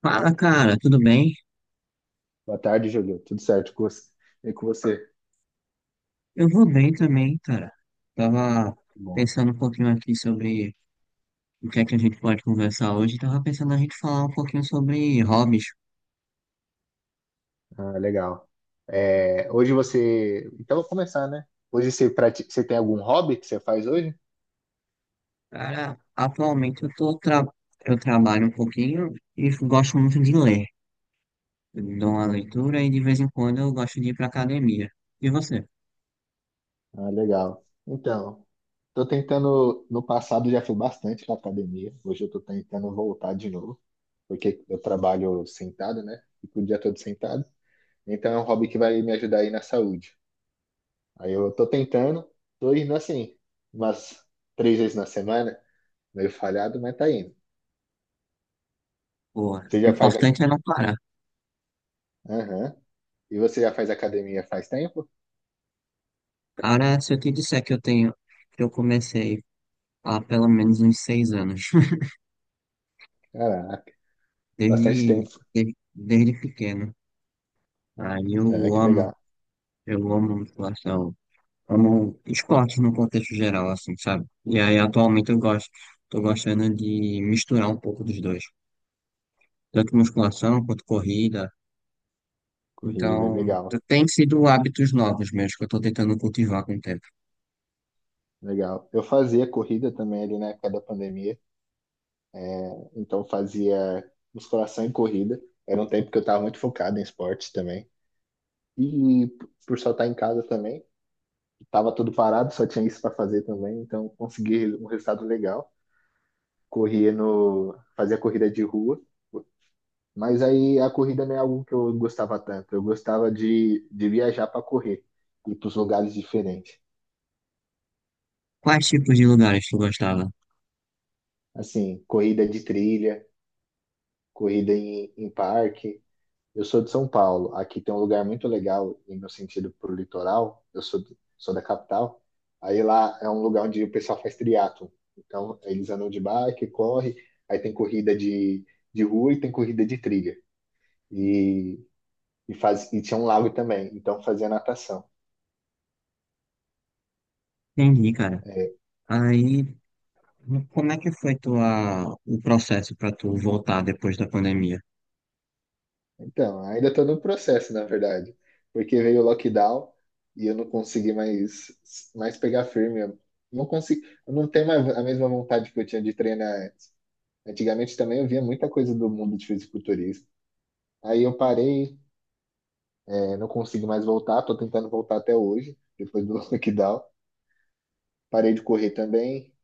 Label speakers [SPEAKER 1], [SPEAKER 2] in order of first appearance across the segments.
[SPEAKER 1] Fala, cara, tudo bem?
[SPEAKER 2] Boa tarde, Júlio. Tudo certo com você? E com você?
[SPEAKER 1] Eu vou bem também, cara. Tava
[SPEAKER 2] Bom,
[SPEAKER 1] pensando um pouquinho aqui sobre o que é que a gente pode conversar hoje. Tava pensando a gente falar um pouquinho sobre hobbies.
[SPEAKER 2] ah, legal. É, hoje você. Então, vou começar, né? Hoje você, você tem algum hobby que você faz hoje?
[SPEAKER 1] Cara, atualmente eu trabalho um pouquinho e gosto muito de ler. Eu dou uma
[SPEAKER 2] Hum,
[SPEAKER 1] leitura e de vez em quando eu gosto de ir pra academia. E você?
[SPEAKER 2] ah, legal. Então, tô tentando. No passado já fui bastante na academia. Hoje eu tô tentando voltar de novo, porque eu trabalho sentado, né? Fico o dia todo sentado. Então, é um hobby que vai me ajudar aí na saúde. Aí eu tô tentando, tô indo assim, umas três vezes na semana, meio falhado, mas tá indo.
[SPEAKER 1] Pô,
[SPEAKER 2] Você
[SPEAKER 1] o
[SPEAKER 2] já faz.
[SPEAKER 1] importante
[SPEAKER 2] A-
[SPEAKER 1] é não parar.
[SPEAKER 2] Aham. E você já faz academia faz tempo?
[SPEAKER 1] Cara, se eu te disser que eu tenho, que eu comecei há pelo menos uns seis anos,
[SPEAKER 2] Caraca, bastante
[SPEAKER 1] desde,
[SPEAKER 2] tempo.
[SPEAKER 1] desde pequeno. Aí
[SPEAKER 2] É,
[SPEAKER 1] eu
[SPEAKER 2] que
[SPEAKER 1] amo,
[SPEAKER 2] legal.
[SPEAKER 1] eu amo musculação, amo esporte no contexto geral, assim, sabe? E aí tô gostando de misturar um pouco dos dois, tanto musculação quanto corrida.
[SPEAKER 2] Corrida,
[SPEAKER 1] Então,
[SPEAKER 2] legal,
[SPEAKER 1] tem sido hábitos novos meus que eu tô tentando cultivar com o tempo.
[SPEAKER 2] legal. Eu fazia corrida também ali na época da pandemia. É, então fazia musculação e corrida. Era um tempo que eu estava muito focado em esportes também. E por só estar em casa também, estava tudo parado, só tinha isso para fazer também. Então consegui um resultado legal. Corria no, fazia corrida de rua. Mas aí a corrida não é algo que eu gostava tanto. Eu gostava de viajar para correr, ir para os lugares diferentes.
[SPEAKER 1] Quais tipos de lugares tu gostava?
[SPEAKER 2] Assim, corrida de trilha, corrida em parque. Eu sou de São Paulo. Aqui tem um lugar muito legal, em meu sentido, pro litoral. Sou da capital. Aí lá é um lugar onde o pessoal faz triatlo. Então, eles andam de bike, corre. Aí tem corrida de rua e tem corrida de trilha. E, e tinha um lago também. Então, fazia natação.
[SPEAKER 1] Entendi, cara. Aí, como é que foi tua, o processo para tu voltar depois da pandemia?
[SPEAKER 2] Então, ainda estou no processo, na verdade, porque veio o lockdown e eu não consegui mais pegar firme. Eu não tenho mais a mesma vontade que eu tinha de treinar antes. Antigamente também eu via muita coisa do mundo de fisiculturismo. Aí eu parei, não consigo mais voltar, estou tentando voltar até hoje, depois do lockdown. Parei de correr também,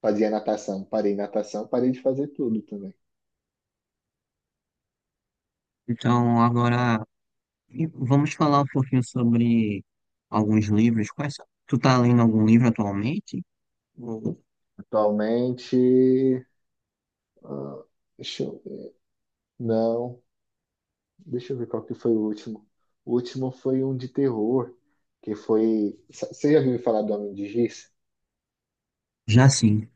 [SPEAKER 2] fazia natação, parei de fazer tudo também.
[SPEAKER 1] Então, agora e vamos falar um pouquinho sobre alguns livros. Quais são? Tu tá lendo algum livro atualmente? Ou-
[SPEAKER 2] Atualmente, deixa eu, não. Deixa eu ver qual que foi o último. O último foi um de terror, que foi. Você já ouviu falar do Homem de Giz?
[SPEAKER 1] Já sim.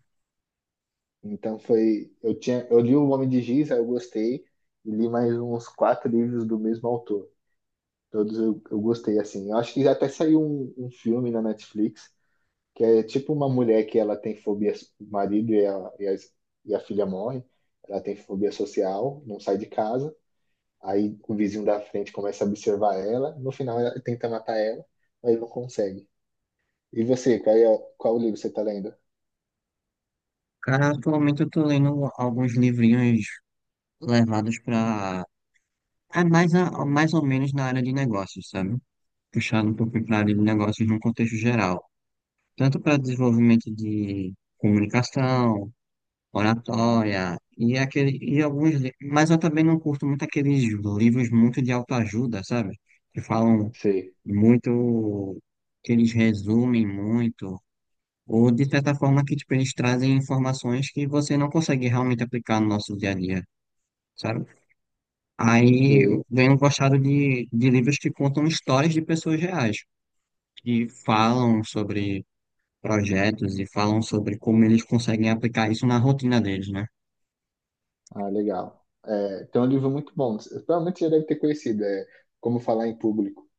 [SPEAKER 2] Então foi. Eu li o Homem de Giz, aí eu gostei, e li mais uns quatro livros do mesmo autor. Todos eu gostei, assim. Eu acho que já até saiu um filme na Netflix, que é tipo uma mulher que ela tem fobia, o marido e a, e a, e a filha morre, ela tem fobia social, não sai de casa. Aí o vizinho da frente começa a observar ela, no final ela tenta matar ela, mas não consegue. E você, qual livro você tá lendo?
[SPEAKER 1] Cara, atualmente eu tô lendo alguns livrinhos levados pra. É mais, mais ou menos na área de negócios, sabe? Puxado um pouco pra área de negócios num contexto geral. Tanto para desenvolvimento de comunicação,
[SPEAKER 2] Uhum.
[SPEAKER 1] oratória, e, aquele, e alguns. Li- mas eu também não curto muito aqueles livros muito de autoajuda, sabe? Que falam.
[SPEAKER 2] Sei,
[SPEAKER 1] Muito Que eles resumem muito, ou de certa forma que tipo, eles trazem informações que você não consegue realmente aplicar no nosso dia a dia, sabe? Aí
[SPEAKER 2] sei.
[SPEAKER 1] eu venho gostado de livros que contam histórias de pessoas reais, que falam sobre projetos e falam sobre como eles conseguem aplicar isso na rotina deles, né?
[SPEAKER 2] Ah, legal. É, tem um livro muito bom, provavelmente você já deve ter conhecido, é Como Falar em Público.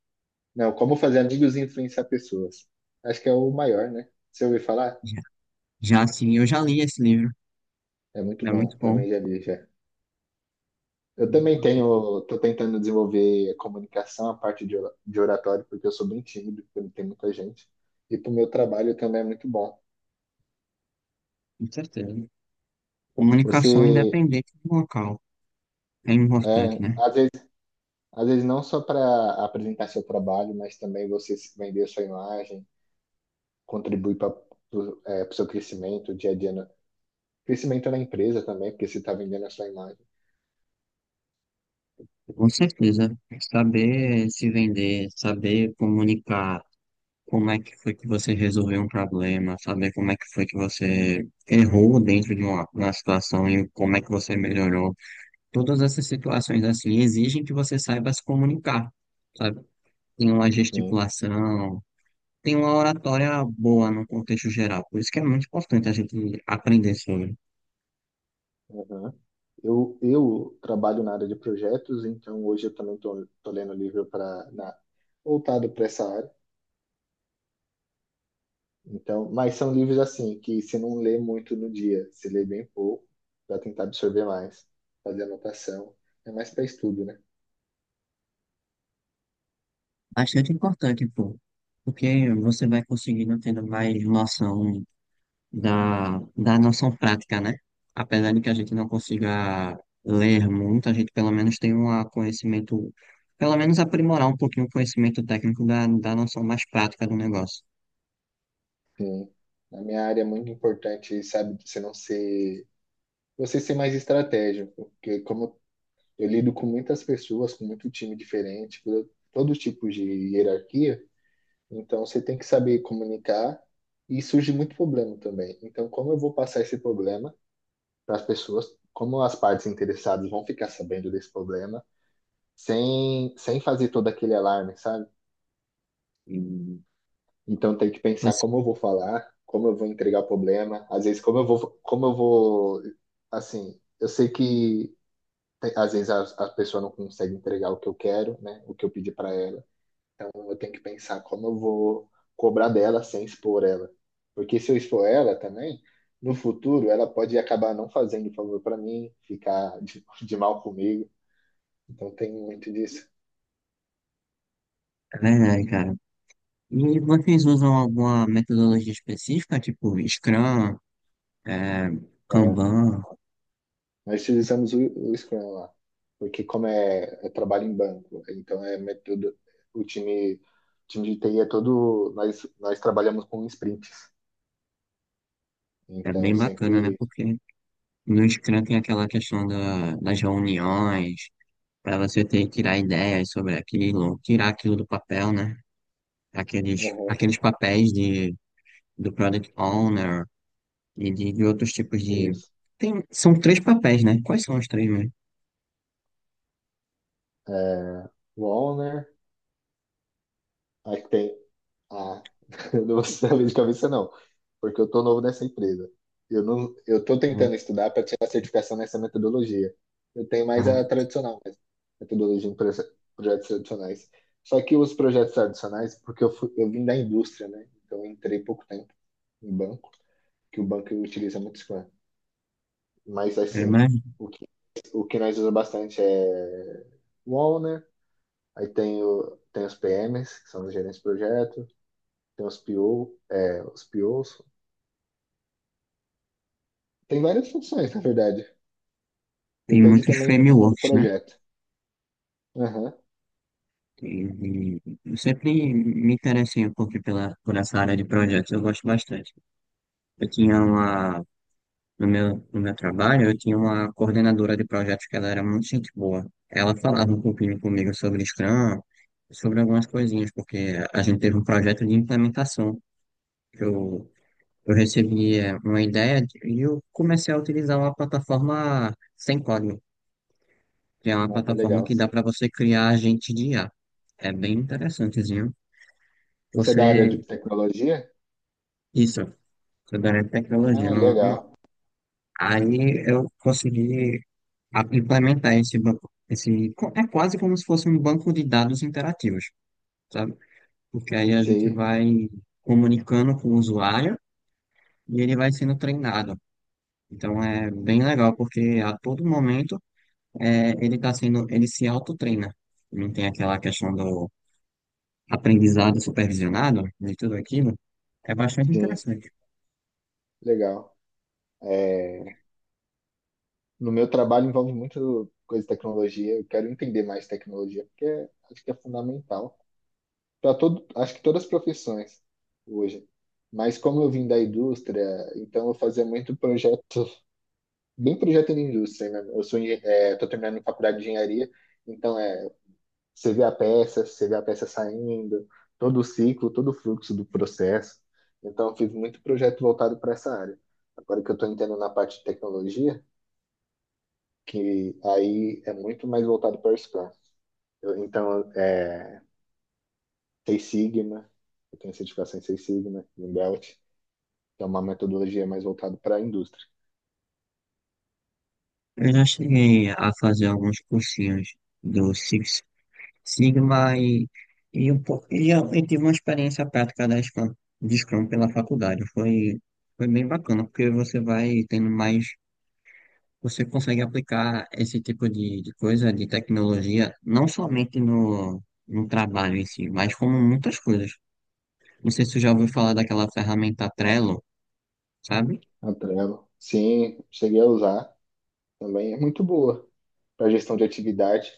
[SPEAKER 2] Não, Como Fazer Amigos e Influenciar Pessoas. Acho que é o maior, né? Você ouviu falar?
[SPEAKER 1] Já, já assim, eu já li esse livro,
[SPEAKER 2] É muito
[SPEAKER 1] é
[SPEAKER 2] bom,
[SPEAKER 1] muito bom,
[SPEAKER 2] também já li já.
[SPEAKER 1] com
[SPEAKER 2] Tô tentando desenvolver a comunicação, a parte de oratório, porque eu sou bem tímido, porque tem muita gente. E para o meu trabalho também é muito bom.
[SPEAKER 1] certeza. Comunicação
[SPEAKER 2] Você,
[SPEAKER 1] independente do local é importante,
[SPEAKER 2] é,
[SPEAKER 1] né?
[SPEAKER 2] às vezes não só para apresentar seu trabalho, mas também você se vender sua imagem, contribuir para o seu crescimento dia a dia, crescimento na empresa também, porque você está vendendo a sua imagem.
[SPEAKER 1] Com certeza, saber se vender, saber comunicar como é que foi que você resolveu um problema, saber como é que foi que você errou dentro de uma situação e como é que você melhorou. Todas essas situações assim exigem que você saiba se comunicar, sabe? Tem uma
[SPEAKER 2] Sim.
[SPEAKER 1] gesticulação, tem uma oratória boa no contexto geral. Por isso que é muito importante a gente aprender sobre.
[SPEAKER 2] Aham. Eu trabalho na área de projetos, então hoje eu também estou lendo livro para voltado para essa área. Então, mas são livros assim, que você não lê muito no dia, você lê bem pouco, para tentar absorver mais, fazer anotação. É mais para estudo, né?
[SPEAKER 1] Bastante importante, pô. Porque você vai conseguindo tendo mais noção da noção prática, né? Apesar de que a gente não consiga ler muito, a gente pelo menos tem um conhecimento, pelo menos aprimorar um pouquinho o conhecimento técnico da noção mais prática do negócio.
[SPEAKER 2] Sim. Na minha área é muito importante, sabe, você não ser, você ser mais estratégico, porque como eu lido com muitas pessoas, com muito time diferente, com todo tipo de hierarquia, então você tem que saber comunicar e surge muito problema também. Então, como eu vou passar esse problema para as pessoas? Como as partes interessadas vão ficar sabendo desse problema? Sem fazer todo aquele alarme, sabe?
[SPEAKER 1] E
[SPEAKER 2] Então tem que pensar
[SPEAKER 1] você,
[SPEAKER 2] como eu vou falar, como eu vou entregar o problema, às vezes como eu vou, assim, eu sei que às vezes a pessoa não consegue entregar o que eu quero, né? O que eu pedi para ela. Então eu tenho que pensar como eu vou cobrar dela sem expor ela. Porque se eu expor ela também, no futuro ela pode acabar não fazendo favor para mim, ficar de mal comigo. Então tem muito disso.
[SPEAKER 1] é verdade, cara. E vocês usam alguma metodologia específica, tipo Scrum, é,
[SPEAKER 2] É,
[SPEAKER 1] Kanban?
[SPEAKER 2] nós utilizamos o Scrum lá, porque como é, é trabalho em banco, então é método, o time de TI é todo, nós trabalhamos com sprints,
[SPEAKER 1] É
[SPEAKER 2] então
[SPEAKER 1] bem bacana, né?
[SPEAKER 2] sempre,
[SPEAKER 1] Porque no Scrum tem aquela questão das reuniões, para você ter que tirar ideias sobre aquilo, tirar aquilo do papel, né?
[SPEAKER 2] uhum,
[SPEAKER 1] Aqueles papéis do Product Owner e de outros tipos de.
[SPEAKER 2] isso,
[SPEAKER 1] Tem, são três papéis, né? Quais são os três mesmo?
[SPEAKER 2] é, o owner, aí tem, ah, eu não vou saber de cabeça não, porque eu tô novo nessa empresa. Eu não, eu tô tentando estudar para tirar a certificação nessa metodologia. Eu tenho mais
[SPEAKER 1] Ah,
[SPEAKER 2] a tradicional, mesmo, metodologia em projetos tradicionais. Só que os projetos tradicionais, porque eu vim da indústria, né? Então eu entrei pouco tempo em banco, que o banco utiliza muito Scrum. Mas assim,
[SPEAKER 1] mas
[SPEAKER 2] o que, o que nós usamos bastante é o owner, aí tem, o, tem os PMs, que são os gerentes de projeto, tem os PO, é, os POs, tem várias funções, na verdade.
[SPEAKER 1] tem
[SPEAKER 2] Depende
[SPEAKER 1] muitos
[SPEAKER 2] também do tamanho do
[SPEAKER 1] frameworks, né?
[SPEAKER 2] projeto. Aham.
[SPEAKER 1] E, e eu sempre me interessei um pouco por essa área de projetos, eu gosto bastante. Eu tinha uma. No meu trabalho, eu tinha uma coordenadora de projetos que ela era muito gente boa. Ela falava um pouquinho comigo sobre Scrum, sobre algumas coisinhas, porque a gente teve um projeto de implementação que eu recebi uma e eu comecei a utilizar uma plataforma sem código, que é uma
[SPEAKER 2] Ah,
[SPEAKER 1] plataforma
[SPEAKER 2] legal.
[SPEAKER 1] que dá para você criar agente de IA. É bem interessantezinho.
[SPEAKER 2] Você é da área de
[SPEAKER 1] Você,
[SPEAKER 2] tecnologia?
[SPEAKER 1] isso, sobre tecnologia.
[SPEAKER 2] Ah, legal.
[SPEAKER 1] Aí eu consegui implementar esse banco, é quase como se fosse um banco de dados interativos, sabe? Porque aí a gente
[SPEAKER 2] Sim,
[SPEAKER 1] vai comunicando com o usuário e ele vai sendo treinado. Então é bem legal, porque a todo momento ele se autotreina. Não tem aquela questão do aprendizado supervisionado, de tudo aquilo. É bastante
[SPEAKER 2] sim,
[SPEAKER 1] interessante.
[SPEAKER 2] legal. É, no meu trabalho envolve muito coisa de tecnologia. Eu quero entender mais tecnologia, porque acho que é fundamental para todo, acho que todas as profissões hoje. Mas como eu vim da indústria, então eu fazia muito projeto, bem projeto de indústria, né? Eu sou, estou terminando faculdade de engenharia, então é. Você vê a peça, você vê a peça saindo, todo o ciclo, todo o fluxo do processo. Então, eu fiz muito projeto voltado para essa área. Agora que eu estou entrando na parte de tecnologia, que aí é muito mais voltado para o Scrum. Eu- então, é, Six Sigma, eu tenho certificação em Six Sigma, em Belt, que é uma metodologia mais voltada para a indústria.
[SPEAKER 1] Eu já cheguei a fazer alguns cursinhos do Six Sigma eu tive uma experiência prática de Scrum pela faculdade. Foi bem bacana, porque você vai tendo mais, você consegue aplicar esse tipo de coisa, de tecnologia, não somente no trabalho em si, mas como muitas coisas. Não sei se tu já ouviu falar daquela ferramenta Trello, sabe?
[SPEAKER 2] A Trello, sim, cheguei a usar também, é muito boa para gestão de atividade,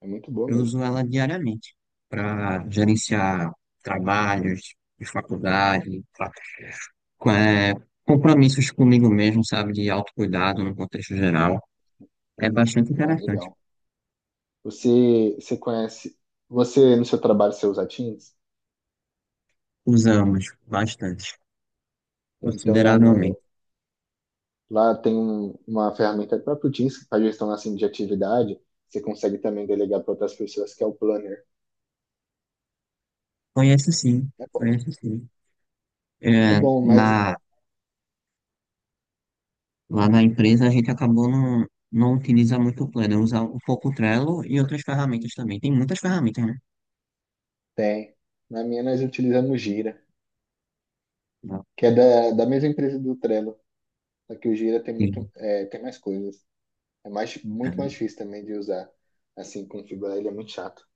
[SPEAKER 2] é muito boa
[SPEAKER 1] Eu
[SPEAKER 2] mesmo.
[SPEAKER 1] uso ela diariamente para gerenciar trabalhos de faculdade, com- é, compromissos comigo mesmo, sabe? De autocuidado no contexto geral. É bastante
[SPEAKER 2] Ah,
[SPEAKER 1] interessante.
[SPEAKER 2] legal. Você, você conhece, você no seu trabalho você usa Teams?
[SPEAKER 1] Usamos bastante,
[SPEAKER 2] Então lá
[SPEAKER 1] consideravelmente.
[SPEAKER 2] no lá tem uma ferramenta do próprio Teams que faz gestão assim de atividade. Você consegue também delegar para outras pessoas que é o Planner.
[SPEAKER 1] Conheço sim,
[SPEAKER 2] É bom,
[SPEAKER 1] conheço sim.
[SPEAKER 2] é
[SPEAKER 1] É,
[SPEAKER 2] bom, mas
[SPEAKER 1] na, lá na empresa a gente acabou não utiliza muito o Planner, usa um pouco o Trello e outras ferramentas também. Tem muitas ferramentas, né?
[SPEAKER 2] tem. Na minha nós utilizamos o Gira, que é da, da mesma empresa do Trello. Só que o Gira tem
[SPEAKER 1] Sim,
[SPEAKER 2] muito é, tem mais coisas. É mais muito
[SPEAKER 1] cara,
[SPEAKER 2] mais difícil também de usar. Assim configurar ele é muito chato.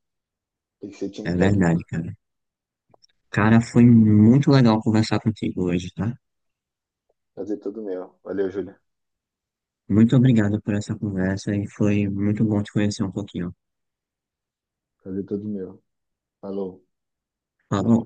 [SPEAKER 2] Tem que ser time
[SPEAKER 1] é
[SPEAKER 2] técnico.
[SPEAKER 1] verdade, cara. Cara, foi muito legal conversar contigo hoje, tá?
[SPEAKER 2] Fazer tudo meu. Valeu, Júlia.
[SPEAKER 1] Muito obrigado por essa conversa e foi muito bom te conhecer um pouquinho.
[SPEAKER 2] Fazer tudo meu. Falou.
[SPEAKER 1] Falou.